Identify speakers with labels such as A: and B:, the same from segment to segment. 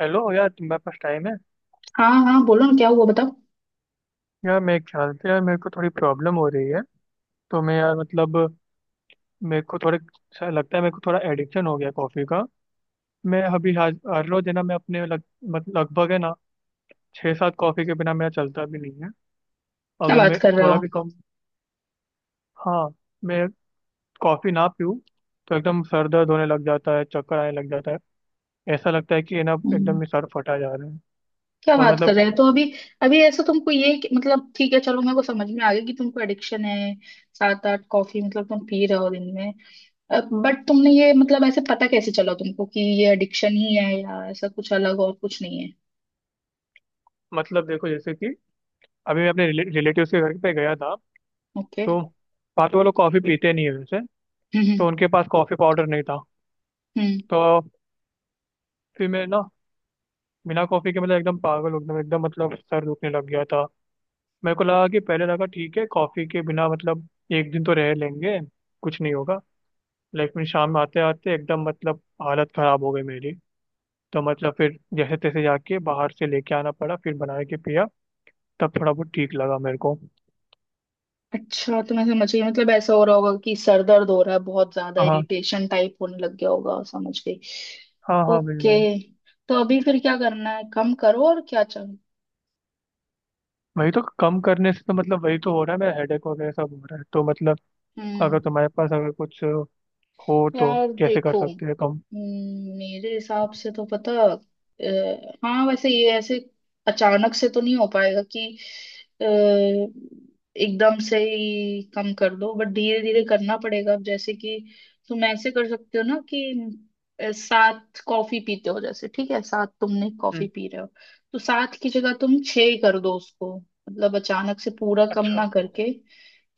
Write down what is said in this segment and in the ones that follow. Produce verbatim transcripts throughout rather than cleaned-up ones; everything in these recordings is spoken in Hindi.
A: हेलो यार, तुम्हारे पास टाइम है?
B: हाँ हाँ, बोलो ना। क्या हुआ बताओ।
A: यार मेरे ख्याल से यार, मेरे को थोड़ी प्रॉब्लम हो रही है। तो मैं यार मतलब, मेरे को थोड़े सा लगता है, मेरे को थोड़ा एडिक्शन हो गया कॉफ़ी का। मैं अभी आज हर रोज है ना, मैं अपने लग मत- लगभग है ना छः सात कॉफ़ी के बिना मेरा चलता भी नहीं है।
B: क्या
A: अगर
B: बात
A: मैं
B: कर रहे हो।
A: थोड़ा भी कम, हाँ, मैं कॉफ़ी ना पीऊँ तो एकदम सर दर्द होने लग जाता है, चक्कर आने लग जाता है। ऐसा लगता है कि है ना,
B: हम्म,
A: एकदम ही सर फटा जा रहा है।
B: क्या
A: और
B: बात कर
A: मतलब
B: रहे हैं। तो अभी अभी ऐसा तुमको ये कि- मतलब ठीक है, चलो मेरे को समझ में आ गया कि तुमको एडिक्शन है। सात आठ कॉफी मतलब तुम पी रहे हो दिन में। बट तुमने ये मतलब ऐसे पता कैसे चला तुमको कि ये एडिक्शन ही है या ऐसा कुछ अलग और कुछ नहीं है।
A: मतलब देखो जैसे कि अभी मैं अपने रिलेटिव्स के घर पे गया था।
B: ओके।
A: तो पापा, वो लोग कॉफ़ी पीते नहीं है वैसे।
B: हम्म हम्म
A: तो उनके पास कॉफ़ी पाउडर नहीं था।
B: हम्म।
A: तो फिर मैं ना, बिना कॉफ़ी के मतलब एकदम पागल हो गया, एकदम मतलब सर दुखने लग गया था। मेरे को लगा कि, पहले लगा ठीक है, कॉफ़ी के बिना मतलब एक दिन तो रह लेंगे, कुछ नहीं होगा। लेकिन शाम में आते आते एकदम मतलब हालत ख़राब हो गई मेरी। तो मतलब फिर जैसे तैसे जाके बाहर से लेके आना पड़ा, फिर बना के पिया, तब थोड़ा बहुत ठीक लगा मेरे को।
B: अच्छा, तुम्हें समझ गई, मतलब ऐसा हो रहा होगा कि सर दर्द हो रहा है, बहुत ज्यादा
A: हाँ।
B: इरिटेशन टाइप होने लग गया होगा। समझ गई।
A: हाँ, हाँ, वही
B: ओके।
A: वही।
B: तो अभी फिर क्या करना है? कम करो, और क्या चाहिए?
A: वही तो। कम करने से तो मतलब वही तो हो रहा है, मेरा हेडेक वगैरह सब हो रहा है, तो मतलब
B: हम्म।
A: अगर तुम्हारे पास अगर कुछ हो तो
B: यार
A: कैसे कर
B: देखो,
A: सकते हैं कम?
B: हम्म, मेरे हिसाब से तो पता अ, हाँ वैसे ये ऐसे अचानक से तो नहीं हो पाएगा कि अ, एकदम से ही कम कर दो, बट धीरे धीरे करना पड़ेगा। अब जैसे कि तुम ऐसे कर सकते हो ना कि अ, सात कॉफी पीते हो जैसे, ठीक है, सात तुमने कॉफी
A: हम्म।
B: पी रहे हो, तो सात की जगह तुम छह ही कर दो उसको, मतलब अचानक से पूरा कम
A: अच्छा।
B: ना करके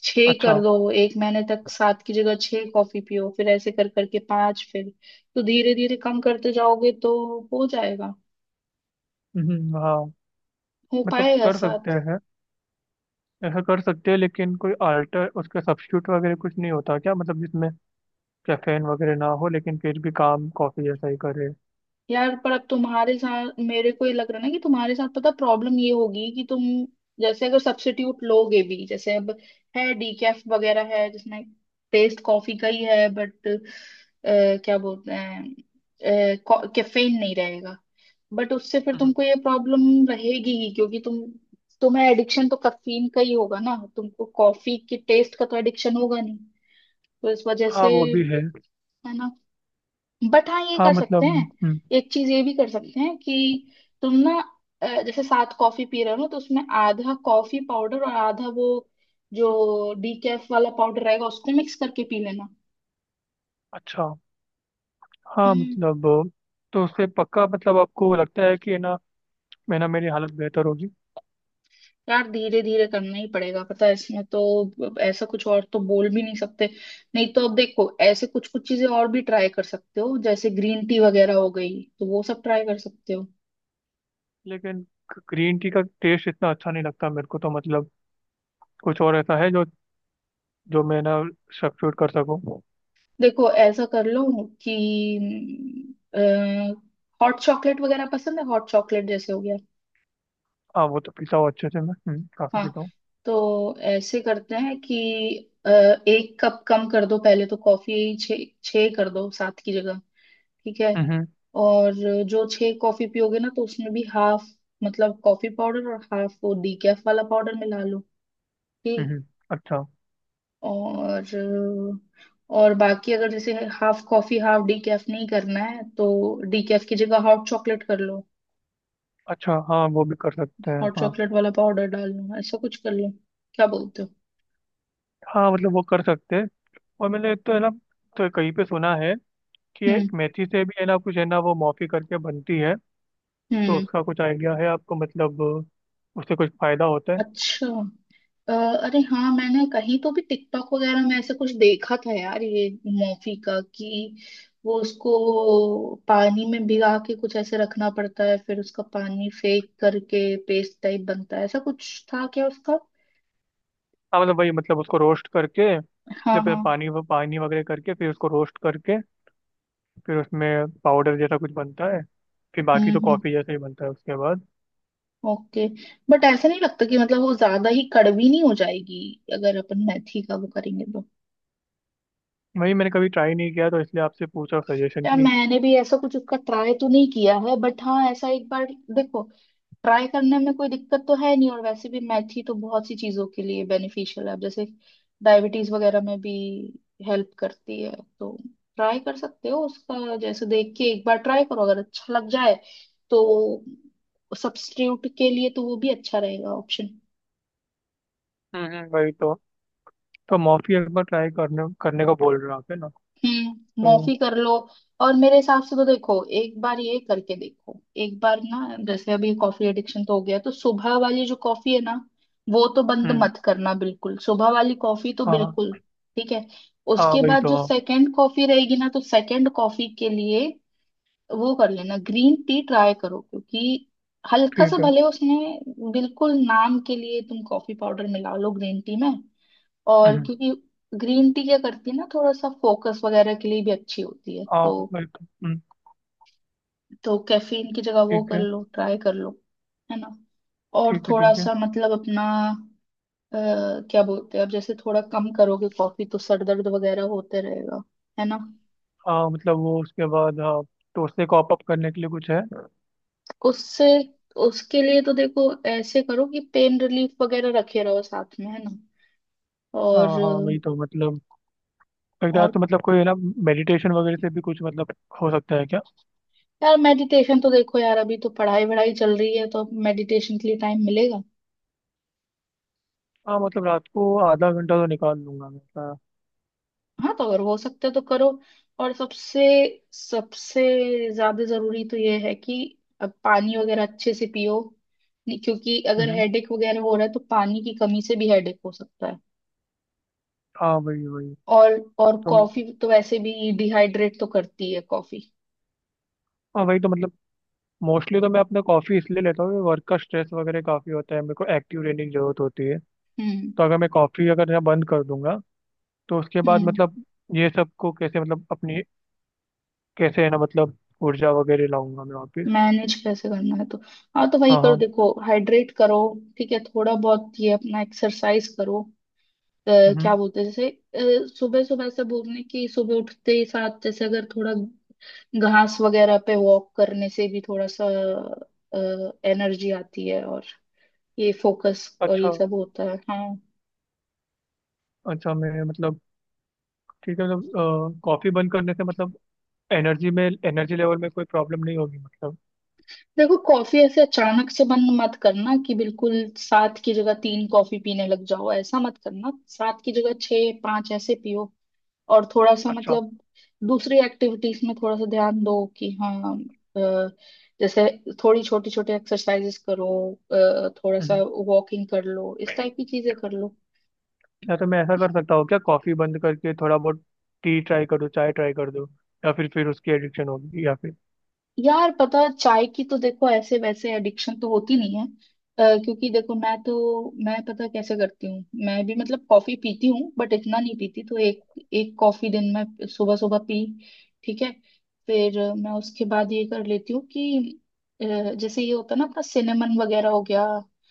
B: छह कर
A: अच्छा।
B: दो। एक महीने तक सात की जगह छह कॉफी पियो, फिर ऐसे कर करके पांच, फिर तो धीरे धीरे कम करते जाओगे तो हो जाएगा।
A: हम्म, हाँ
B: हो
A: मतलब
B: पाएगा?
A: कर सकते
B: सात,
A: हैं, ऐसा कर सकते हैं, लेकिन कोई आल्टर उसका सब्स्टिट्यूट वगैरह कुछ नहीं होता क्या, मतलब जिसमें कैफीन वगैरह ना हो लेकिन फिर भी काम कॉफी जैसा ही करे?
B: यार पर अब तुम्हारे साथ मेरे को ये लग रहा है ना कि तुम्हारे साथ पता प्रॉब्लम ये होगी कि तुम जैसे अगर सब्स्टिट्यूट लोगे भी, जैसे अब है डीकैफ वगैरह, है जिसमें टेस्ट कॉफी का ही है बट क्या बोलते हैं, कैफीन नहीं रहेगा, बट उससे फिर
A: हम्म।
B: तुमको ये प्रॉब्लम रहेगी ही, क्योंकि तुम तुम्हें एडिक्शन तो कैफीन का ही होगा ना, तुमको कॉफी के टेस्ट का तो एडिक्शन होगा नहीं, तो इस वजह
A: हाँ
B: से
A: वो भी है।
B: है। बट हाँ, ये
A: हाँ
B: कर सकते
A: मतलब।
B: हैं।
A: हम्म,
B: एक चीज ये भी कर सकते हैं कि तुम ना अ, जैसे सात कॉफी पी रहे हो ना तो उसमें आधा कॉफी पाउडर और आधा वो जो डीकैफ वाला पाउडर रहेगा उसको मिक्स करके पी लेना।
A: अच्छा। हाँ
B: हम्म।
A: मतलब, तो उससे पक्का मतलब आपको लगता है कि है ना, मैं ना मेरी हालत बेहतर होगी?
B: यार धीरे धीरे करना ही पड़ेगा, पता है इसमें तो, अब ऐसा कुछ और तो बोल भी नहीं सकते। नहीं तो अब देखो ऐसे कुछ कुछ चीजें और भी ट्राई कर सकते हो, जैसे ग्रीन टी वगैरह हो गई तो वो सब ट्राई कर सकते हो।
A: लेकिन ग्रीन टी का टेस्ट इतना अच्छा नहीं लगता मेरे को, तो मतलब कुछ और ऐसा है जो जो मैं ना सब्स्टिट्यूट कर सकूँ?
B: देखो ऐसा कर लो कि हॉट चॉकलेट वगैरह पसंद है, हॉट चॉकलेट जैसे हो गया।
A: हाँ वो तो पीता हूँ अच्छे से मैं, हम्म, काफी
B: हाँ,
A: पीता हूँ।
B: तो ऐसे करते हैं कि अ, एक कप कम कर दो, पहले तो कॉफी छः छः कर दो सात की जगह, ठीक है?
A: हम्म।
B: और जो छः कॉफी पियोगे ना तो उसमें भी हाफ मतलब कॉफी पाउडर और हाफ वो डीकैफ वाला पाउडर मिला लो, ठीक?
A: हम्म। अच्छा।
B: और और बाकी अगर जैसे हाफ कॉफी हाफ डीकैफ नहीं करना है तो डीकैफ की जगह हॉट चॉकलेट कर लो,
A: अच्छा। हाँ वो भी कर सकते हैं।
B: हॉट
A: हाँ।
B: चॉकलेट वाला पाउडर डाल लो, ऐसा कुछ कर लो। क्या बोलते हो?
A: हाँ मतलब वो कर सकते हैं। और मैंने एक तो है ना, तो कहीं पे सुना है कि
B: हम्म
A: एक मेथी से भी है ना कुछ है ना, वो मॉफी करके बनती है। तो
B: हम्म।
A: उसका कुछ आइडिया है आपको, मतलब उससे कुछ फायदा होता है?
B: अच्छा। अ, अरे हाँ, मैंने कहीं तो भी टिकटॉक वगैरह में ऐसा कुछ देखा था यार, ये मोफी का कि वो उसको पानी में भिगा के कुछ ऐसे रखना पड़ता है, फिर उसका पानी फेंक करके पेस्ट टाइप बनता है। ऐसा कुछ था क्या उसका?
A: हाँ मतलब वही मतलब, उसको रोस्ट करके
B: हाँ
A: फिर पहले
B: हाँ।
A: पानी पानी वगैरह करके फिर उसको रोस्ट करके, फिर उसमें पाउडर जैसा कुछ बनता है, फिर
B: हम्म
A: बाकी तो
B: हम्म।
A: कॉफ़ी जैसा ही बनता है उसके बाद।
B: ओके। बट ऐसा नहीं लगता कि मतलब वो ज्यादा ही कड़वी नहीं हो जाएगी अगर अपन मेथी का वो करेंगे तो?
A: वही मैंने कभी ट्राई नहीं किया, तो इसलिए आपसे पूछा सजेशन
B: यार
A: की।
B: मैंने भी ऐसा कुछ उसका ट्राई तो नहीं किया है, बट हाँ ऐसा एक बार, देखो ट्राई करने में कोई दिक्कत तो है नहीं, और वैसे भी मेथी तो बहुत सी चीजों के लिए बेनिफिशियल है, अब जैसे डायबिटीज वगैरह में भी हेल्प करती है। तो ट्राई कर सकते हो उसका, जैसे देख के एक बार ट्राई करो, अगर अच्छा लग जाए तो सब्स्टिट्यूट के लिए तो वो भी अच्छा रहेगा ऑप्शन।
A: हम्म। हम्म। वही तो तो मॉफी एक बार ट्राई करने करने को बोल रहे हो आप है ना?
B: हम्म।
A: तो
B: मॉफी कर लो। और मेरे हिसाब से तो देखो एक बार ये करके देखो, एक बार ना, जैसे अभी कॉफी एडिक्शन तो हो गया तो सुबह वाली जो कॉफी है ना वो तो बंद
A: हम्म।
B: मत करना बिल्कुल, सुबह वाली कॉफी तो
A: हाँ।
B: बिल्कुल, ठीक है?
A: हाँ,
B: उसके
A: वही
B: बाद
A: तो।
B: जो
A: हाँ।
B: सेकंड कॉफी रहेगी ना तो सेकंड कॉफी के लिए वो कर लेना, ग्रीन टी ट्राई करो, क्योंकि हल्का सा
A: ठीक है।
B: भले उसमें बिल्कुल नाम के लिए तुम कॉफी पाउडर मिला लो ग्रीन टी में, और
A: हम्म,
B: क्योंकि ग्रीन टी क्या करती है ना, थोड़ा सा फोकस वगैरह के लिए भी अच्छी होती है,
A: हाँ
B: तो
A: वही तो। हम्म,
B: तो कैफीन की जगह वो
A: ठीक
B: कर
A: है।
B: लो, ट्राई कर लो। है ना? और
A: ठीक है।
B: थोड़ा
A: ठीक है।
B: सा मतलब अपना अ, क्या बोलते हैं, अब जैसे थोड़ा कम करोगे कॉफी तो सर दर्द वगैरह होते रहेगा, है ना?
A: हाँ मतलब वो उसके बाद हाँ, तो उससे कॉप अप करने के लिए कुछ है?
B: उससे उसके लिए तो देखो ऐसे करो कि पेन रिलीफ वगैरह रखे रहो साथ में, है ना?
A: हाँ।
B: और
A: हाँ, वही तो मतलब। एक रात
B: और
A: तो मतलब कोई है ना, मेडिटेशन वगैरह से भी कुछ मतलब हो सकता है क्या?
B: यार मेडिटेशन तो देखो यार, अभी तो पढ़ाई वढ़ाई चल रही है तो मेडिटेशन के लिए टाइम मिलेगा?
A: हाँ मतलब रात को आधा घंटा तो निकाल लूंगा मैं। हाँ।
B: हाँ, तो अगर हो सकता है तो करो। और सबसे सबसे ज्यादा जरूरी तो ये है कि अब पानी वगैरह अच्छे से पियो, नहीं- क्योंकि अगर
A: हम्म,
B: हेडेक वगैरह हो रहा है तो पानी की कमी से भी हेडेक हो सकता है।
A: हाँ, वही वही।
B: और और
A: तो
B: कॉफी तो वैसे भी डिहाइड्रेट तो करती है कॉफी।
A: हाँ वही तो मतलब, मोस्टली तो मैं अपना कॉफ़ी इसलिए लेता हूँ, वर्क का स्ट्रेस वगैरह काफ़ी होता है, मेरे को एक्टिव रहने की ज़रूरत होती है।
B: हम्म
A: तो अगर मैं कॉफ़ी अगर यहाँ बंद कर दूंगा, तो उसके बाद
B: हम्म।
A: मतलब ये सबको कैसे मतलब अपनी, कैसे है ना मतलब ऊर्जा वगैरह लाऊंगा मैं वापस?
B: मैनेज कैसे करना है तो? हाँ, तो वही
A: हाँ।
B: करो,
A: हाँ।
B: देखो हाइड्रेट करो, ठीक है? थोड़ा बहुत ये अपना एक्सरसाइज करो। अ, क्या
A: हम्म,
B: बोलते हैं, जैसे सुबह सुबह ऐसा बोलने की, सुबह उठते ही साथ जैसे अगर थोड़ा घास वगैरह पे वॉक करने से भी थोड़ा सा एनर्जी आती है और ये फोकस और ये
A: अच्छा।
B: सब होता है। हाँ।
A: अच्छा। मैं मतलब ठीक है मतलब कॉफ़ी बंद करने से मतलब एनर्जी में एनर्जी लेवल में कोई प्रॉब्लम नहीं होगी मतलब?
B: देखो कॉफी ऐसे अचानक से बंद मत करना कि बिल्कुल सात की जगह तीन कॉफी पीने लग जाओ, ऐसा मत करना। सात की जगह छः, पांच ऐसे पियो, और थोड़ा सा
A: अच्छा।
B: मतलब दूसरी एक्टिविटीज में थोड़ा सा ध्यान दो, कि हाँ अ, जैसे थोड़ी छोटी छोटी एक्सरसाइजेस करो, अ, थोड़ा सा
A: हम्म।
B: वॉकिंग कर लो, इस टाइप की चीजें कर लो।
A: या तो मैं ऐसा कर सकता हूँ क्या, कॉफी बंद करके थोड़ा बहुत टी ट्राई कर दूँ, चाय ट्राई कर दूँ, या फिर फिर उसकी एडिक्शन होगी, या फिर?
B: यार पता है, चाय की तो देखो ऐसे वैसे एडिक्शन तो होती नहीं है, अ, क्योंकि देखो, मैं तो मैं पता कैसे करती हूँ, मैं भी मतलब कॉफी पीती हूँ बट इतना नहीं पीती, तो एक एक कॉफी दिन में सुबह सुबह पी, ठीक है? फिर अ, मैं उसके बाद ये कर लेती हूँ कि अ, जैसे ये होता है ना अपना सिनेमन वगैरह हो गया,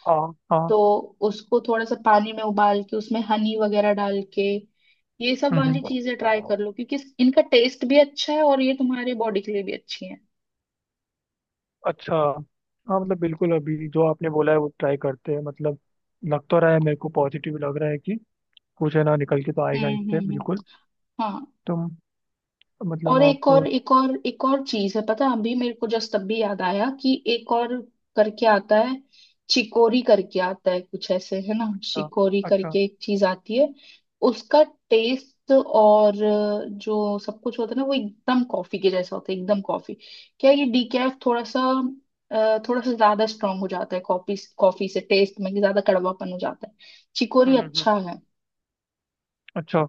A: हाँ। हाँ।
B: तो उसको थोड़ा सा पानी में उबाल के उसमें हनी वगैरह डाल के ये सब
A: हम्म।
B: वाली
A: हम्म,
B: चीजें ट्राई कर लो, क्योंकि इनका टेस्ट भी अच्छा है और ये तुम्हारे बॉडी के लिए भी अच्छी है।
A: अच्छा। हाँ मतलब बिल्कुल, अभी जो आपने बोला है वो ट्राई करते हैं मतलब, लग तो रहा है मेरे को, पॉजिटिव लग रहा है कि कुछ है ना निकल के तो आएगा
B: हम्म
A: इससे
B: हम्म हम्म।
A: बिल्कुल।
B: हाँ।
A: तुम मतलब
B: और एक और
A: आप।
B: एक और एक और चीज है, पता है, अभी मेरे को जस्ट तब भी याद आया कि एक और करके आता है, चिकोरी करके आता है कुछ ऐसे, है ना,
A: अच्छा।
B: शिकोरी
A: अच्छा।
B: करके एक चीज आती है। उसका टेस्ट और जो सब कुछ होता है ना वो एकदम कॉफी के जैसा होता है, एकदम कॉफी। क्या है, ये डीकैफ थोड़ा सा, अ, थोड़ा सा ज्यादा स्ट्रांग हो जाता है कॉफी कॉफी से टेस्ट में, कि ज्यादा कड़वापन हो जाता है।
A: हम्म।
B: चिकोरी
A: हम्म। हम्म,
B: अच्छा है।
A: अच्छा।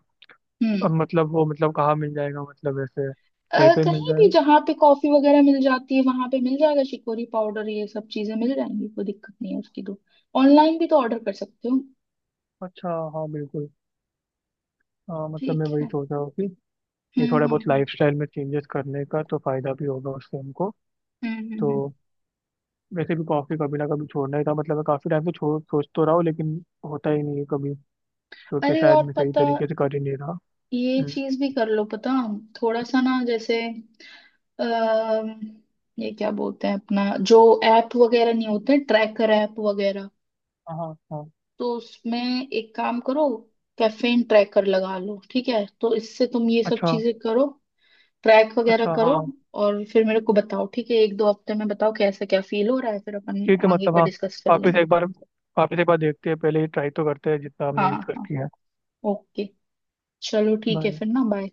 A: अब
B: हम्म।
A: मतलब वो मतलब कहाँ मिल जाएगा मतलब, ऐसे
B: अ,
A: कहीं पे मिल
B: कहीं भी
A: जाएगा?
B: जहाँ पे कॉफी वगैरह मिल जाती है वहां पे मिल जाएगा शिकोरी पाउडर, ये सब चीजें मिल जाएंगी, कोई दिक्कत नहीं है उसकी तो। ऑनलाइन भी तो ऑर्डर कर सकते हो।
A: अच्छा। हाँ बिल्कुल। हाँ मतलब मैं
B: ठीक
A: वही
B: है।
A: सोच रहा हूँ कि ये
B: हम्म
A: थोड़ा
B: हम्म
A: बहुत
B: हम्म
A: लाइफस्टाइल में चेंजेस करने का तो फायदा भी होगा उससे हमको।
B: हम्म हम्म हम्म।
A: तो वैसे भी कॉफी कभी ना कभी छोड़ना ही था, मतलब मैं काफी टाइम से छोड़ सोच तो रहा हूँ लेकिन होता ही नहीं है कभी, क्योंकि
B: अरे
A: शायद
B: और
A: मैं सही
B: पता
A: तरीके से कर ही नहीं रहा।
B: ये
A: हम्म,
B: चीज भी कर लो पता, थोड़ा सा ना जैसे, अः ये क्या बोलते हैं अपना, जो ऐप वगैरह नहीं होते, ट्रैकर ऐप वगैरह,
A: हाँ। हाँ।
B: तो उसमें एक काम करो, कैफीन ट्रैकर लगा लो, ठीक है? तो इससे तुम ये सब
A: अच्छा।
B: चीजें करो, ट्रैक वगैरह
A: अच्छा।
B: करो,
A: हाँ
B: और फिर मेरे को बताओ, ठीक है, एक दो हफ्ते में बताओ कैसा क्या फील हो रहा है, फिर अपन
A: ठीक है
B: आगे
A: मतलब
B: का
A: हाँ।
B: डिस्कस कर
A: वापस
B: लेंगे।
A: एक बार वापस एक बार देखते हैं, पहले ही ट्राई तो करते हैं जितना हमने
B: हाँ
A: डिस्कस
B: हाँ,
A: किया है।
B: ओके। चलो ठीक
A: बाय।
B: है फिर ना, बाय।